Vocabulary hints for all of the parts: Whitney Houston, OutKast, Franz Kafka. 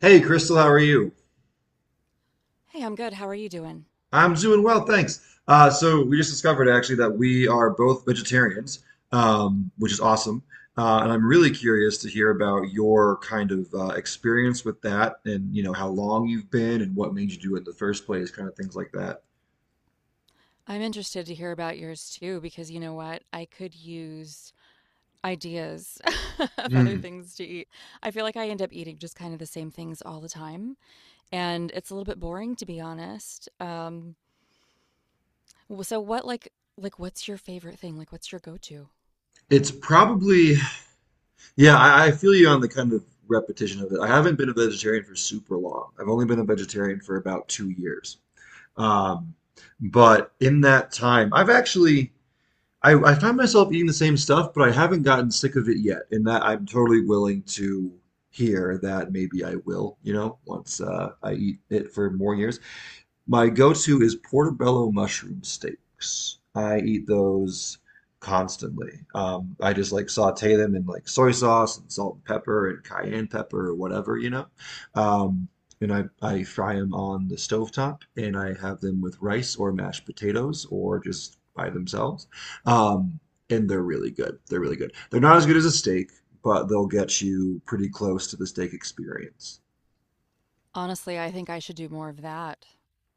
Hey, Crystal, how are you? Hey, I'm good. How are you doing? I'm doing well, thanks. So we just discovered actually that we are both vegetarians, which is awesome. And I'm really curious to hear about your kind of experience with that, and you know how long you've been, and what made you do it in the first place, kind of things like that. I'm interested to hear about yours too, because you know what? I could use ideas of other Hmm. things to eat. I feel like I end up eating just kind of the same things all the time, and it's a little bit boring to be honest. So what like what's your favorite thing? Like what's your go-to? It's probably, yeah, I feel you on the kind of repetition of it. I haven't been a vegetarian for super long. I've only been a vegetarian for about 2 years. Um, but in that time, I find myself eating the same stuff, but I haven't gotten sick of it yet, and that I'm totally willing to hear that maybe I will, you know, once I eat it for more years. My go-to is portobello mushroom steaks. I eat those constantly. I just like saute them in like soy sauce and salt and pepper and cayenne pepper or whatever, you know. Um, and I fry them on the stovetop and I have them with rice or mashed potatoes or just by themselves. Um, and they're really good. They're really good. They're not as good as a steak, but they'll get you pretty close to the steak experience. Honestly, I think I should do more of that.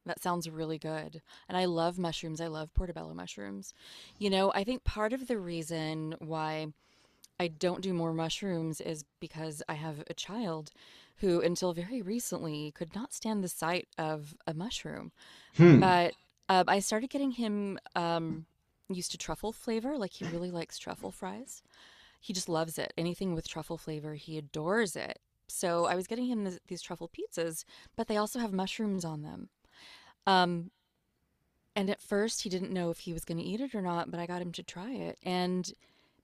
That sounds really good. And I love mushrooms. I love portobello mushrooms. You know, I think part of the reason why I don't do more mushrooms is because I have a child who, until very recently, could not stand the sight of a mushroom. Hmm. But I started getting him used to truffle flavor. Like, he really likes truffle fries. He just loves it. Anything with truffle flavor, he adores it. So I was getting him these truffle pizzas, but they also have mushrooms on them. Um, and at first, he didn't know if he was going to eat it or not, but I got him to try it. And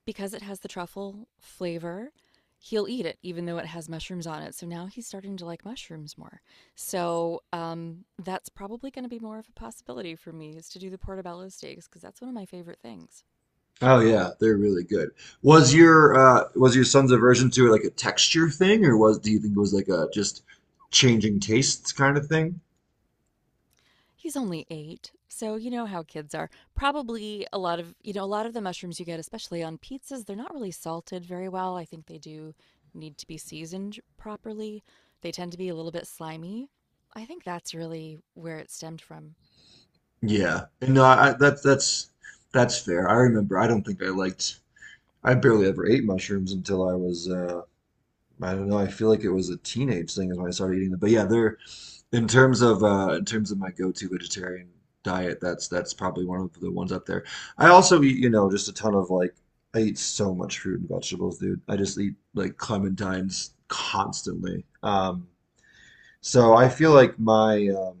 because it has the truffle flavor, he'll eat it even though it has mushrooms on it. So now he's starting to like mushrooms more. So that's probably going to be more of a possibility for me is to do the portobello steaks because that's one of my favorite things. Oh yeah, they're really good. Was your son's aversion to it like a texture thing, or was do you think it was like a just changing tastes kind of thing? He's only eight, so you know how kids are. Probably a lot of a lot of the mushrooms you get, especially on pizzas, they're not really salted very well. I think they do need to be seasoned properly. They tend to be a little bit slimy. I think that's really where it stemmed from. Yeah. And no, I that's fair. I remember. I don't think I liked. I barely ever ate mushrooms until I was I don't know. I feel like it was a teenage thing is when I started eating them. But yeah, they're in terms of my go-to vegetarian diet, that's probably one of the ones up there. I also eat, you know, just a ton of I eat so much fruit and vegetables, dude. I just eat like clementines constantly. So I feel like my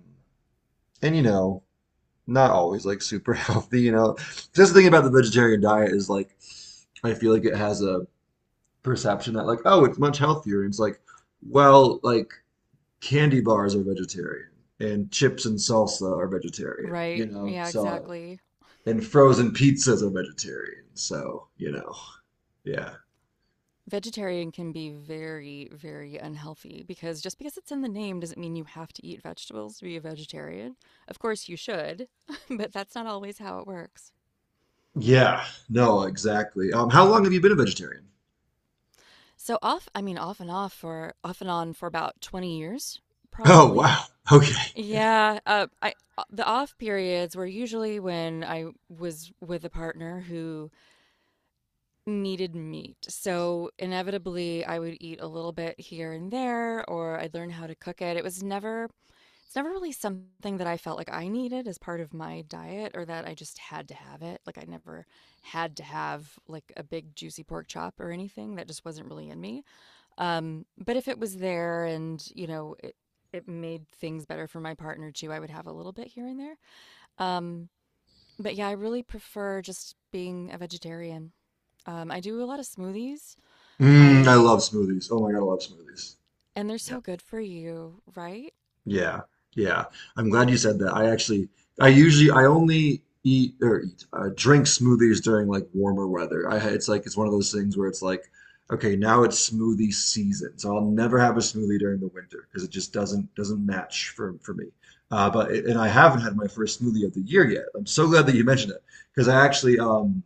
and you know, not always like super healthy, you know. Just the thing about the vegetarian diet is like I feel like it has a perception that like, oh, it's much healthier. And it's like, well, like candy bars are vegetarian and chips and salsa are vegetarian, Right. you know? Yeah, So, exactly. and frozen pizzas are vegetarian. So, you know, yeah. Vegetarian can be very, very unhealthy because just because it's in the name doesn't mean you have to eat vegetables to be a vegetarian. Of course, you should, but that's not always how it works. Yeah, no, exactly. How long have you been a vegetarian? So off, I mean, off and on for about 20 years, Oh, probably. wow. Okay. Yeah, I the off periods were usually when I was with a partner who needed meat. So inevitably I would eat a little bit here and there or I'd learn how to cook it. It was never It's never really something that I felt like I needed as part of my diet or that I just had to have it. Like I never had to have like a big juicy pork chop or anything that just wasn't really in me. But if it was there, and you know, it made things better for my partner too, I would have a little bit here and there. Um but yeah, I really prefer just being a vegetarian. I do a lot of smoothies, Mm, I I love smoothies. Oh my God, I love smoothies. and they're Yeah. so good for you, right? Yeah, yeah. I'm glad you said that. I actually, I usually, I only eat or eat, drink smoothies during like warmer weather. It's like it's one of those things where it's like, okay, now it's smoothie season, so I'll never have a smoothie during the winter because it just doesn't match for me. But and I haven't had my first smoothie of the year yet. I'm so glad that you mentioned it because I actually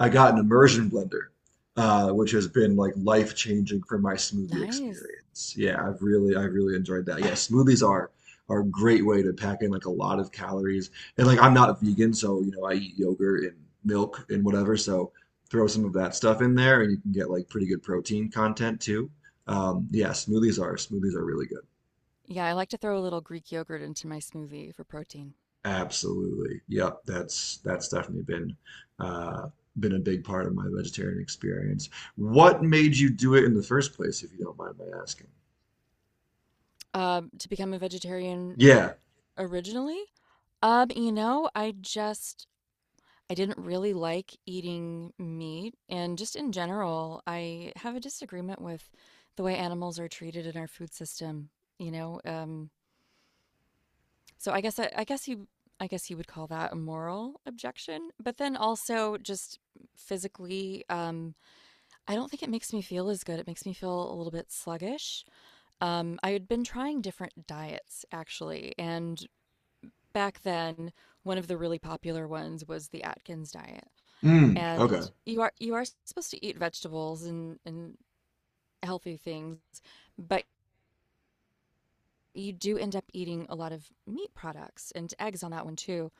I got an immersion blender, which has been like life changing for my smoothie Nice. experience. Yeah, I've really enjoyed that. Yeah, smoothies are a great way to pack in like a lot of calories. And like I'm not vegan, so you know I eat yogurt and milk and whatever. So throw some of that stuff in there, and you can get like pretty good protein content too. Smoothies are really good. Yeah, I like to throw a little Greek yogurt into my smoothie for protein. Absolutely. Yep. That's definitely uh, been a big part of my vegetarian experience. What made you do it in the first place, if you don't mind my asking? To become a vegetarian Yeah. originally, you know, I didn't really like eating meat, and just in general, I have a disagreement with the way animals are treated in our food system. You know, so I guess you would call that a moral objection, but then also just physically, I don't think it makes me feel as good. It makes me feel a little bit sluggish. I had been trying different diets actually, and back then, one of the really popular ones was the Atkins diet. Mm, And okay. you are supposed to eat vegetables and healthy things, but you do end up eating a lot of meat products and eggs on that one too.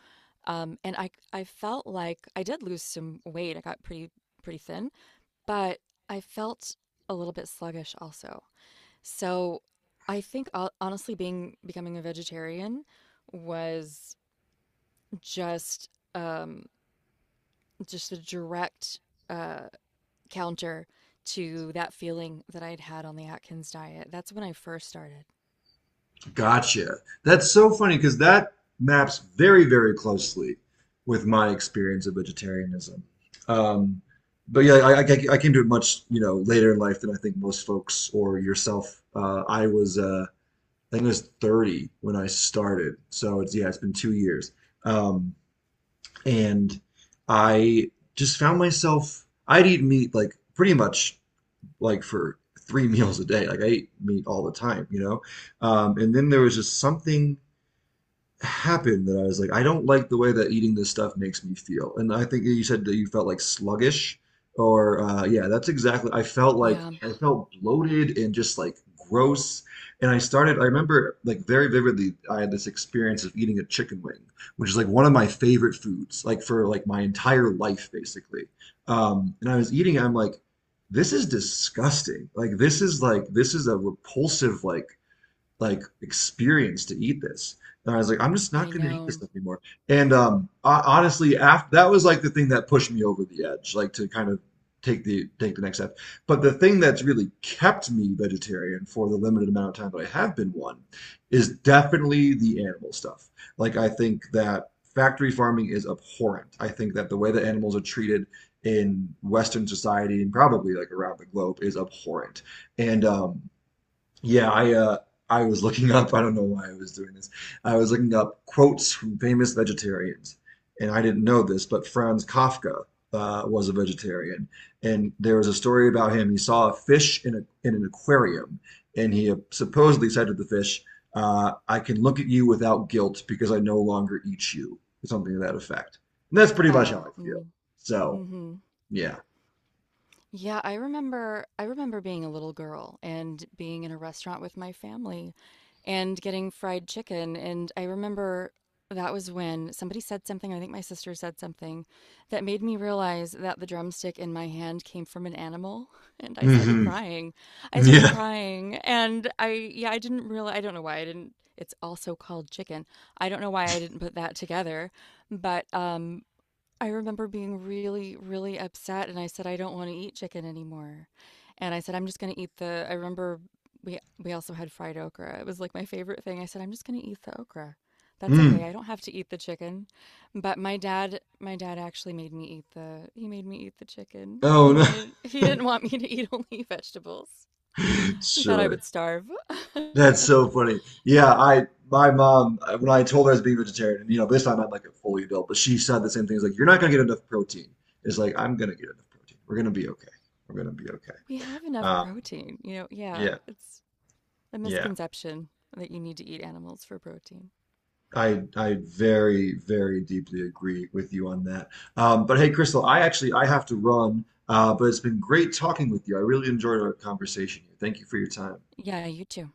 And I felt like I did lose some weight. I got pretty thin, but I felt a little bit sluggish also. So, I think ho honestly being becoming a vegetarian was just, um, just a direct, uh, counter to that feeling that I'd had on the Atkins diet. That's when I first started. Gotcha. That's so funny because that maps very, very closely with my experience of vegetarianism. Um, but yeah, I came to it much, you know, later in life than I think most folks or yourself. I think I was 30 when I started. So it's yeah, it's been 2 years. Um, and I just found myself I'd eat meat like pretty much like for three meals a day. Like I ate meat all the time, you know? And then there was just something happened that I was like, I don't like the way that eating this stuff makes me feel. And I think you said that you felt like sluggish or yeah, that's exactly. I felt like Yeah, I Yeah. felt bloated and just like gross. And I started, I remember like very vividly, I had this experience of eating a chicken wing, which is like one of my favorite foods, like for like my entire life basically. And I was eating, I'm like, this is disgusting. This is a repulsive like experience to eat this. And I was like, I'm just I not going to eat this know. stuff anymore. And honestly, after that was like the thing that pushed me over the edge, like to kind of take the next step. But the thing that's really kept me vegetarian for the limited amount of time that I have been one is definitely the animal stuff. Like I think that factory farming is abhorrent. I think that the way that animals are treated in Western society and probably like around the globe is abhorrent. And Yeah, I was looking up, I don't know why I was doing this. I was looking up quotes from famous vegetarians, and I didn't know this, but Franz Kafka was a vegetarian, and there was a story about him. He saw a fish in a in an aquarium, and he supposedly said to the fish, "I can look at you without guilt because I no longer eat you," or something to that effect. And that's pretty much how Oh, I feel. mm, So, mhm. yeah. Yeah, I remember being a little girl and being in a restaurant with my family and getting fried chicken, and I remember that was when somebody said something, I think my sister said something that made me realize that the drumstick in my hand came from an animal and I started Hmm. crying. I started Yeah. crying and I don't know why I didn't, it's also called chicken. I don't know why I didn't put that together, but I remember being really, really upset, and I said, "I don't wanna eat chicken anymore." And I said, "I'm just gonna eat the—" I remember we also had fried okra, it was, like, my favorite thing. I said, "I'm just gonna eat the okra. That's okay, Mm. I don't have to eat the chicken." But my dad actually made me eat the he made me eat the chicken. Oh no. He didn't want me to eat only vegetables. He thought I Sure. would starve. That's so funny. Yeah, I my mom when I told her I was being vegetarian, and you know, this time I'm like a fully adult, but she said the same thing. It's like, you're not gonna get enough protein. It's like I'm gonna get enough protein. We're gonna be okay. We're gonna be okay. We have enough Um, protein, you know? Yeah, yeah, it's a yeah. misconception that you need to eat animals for protein. I very very deeply agree with you on that. But hey, Crystal, I have to run. But it's been great talking with you. I really enjoyed our conversation here. Thank you for your time. Yeah, you too.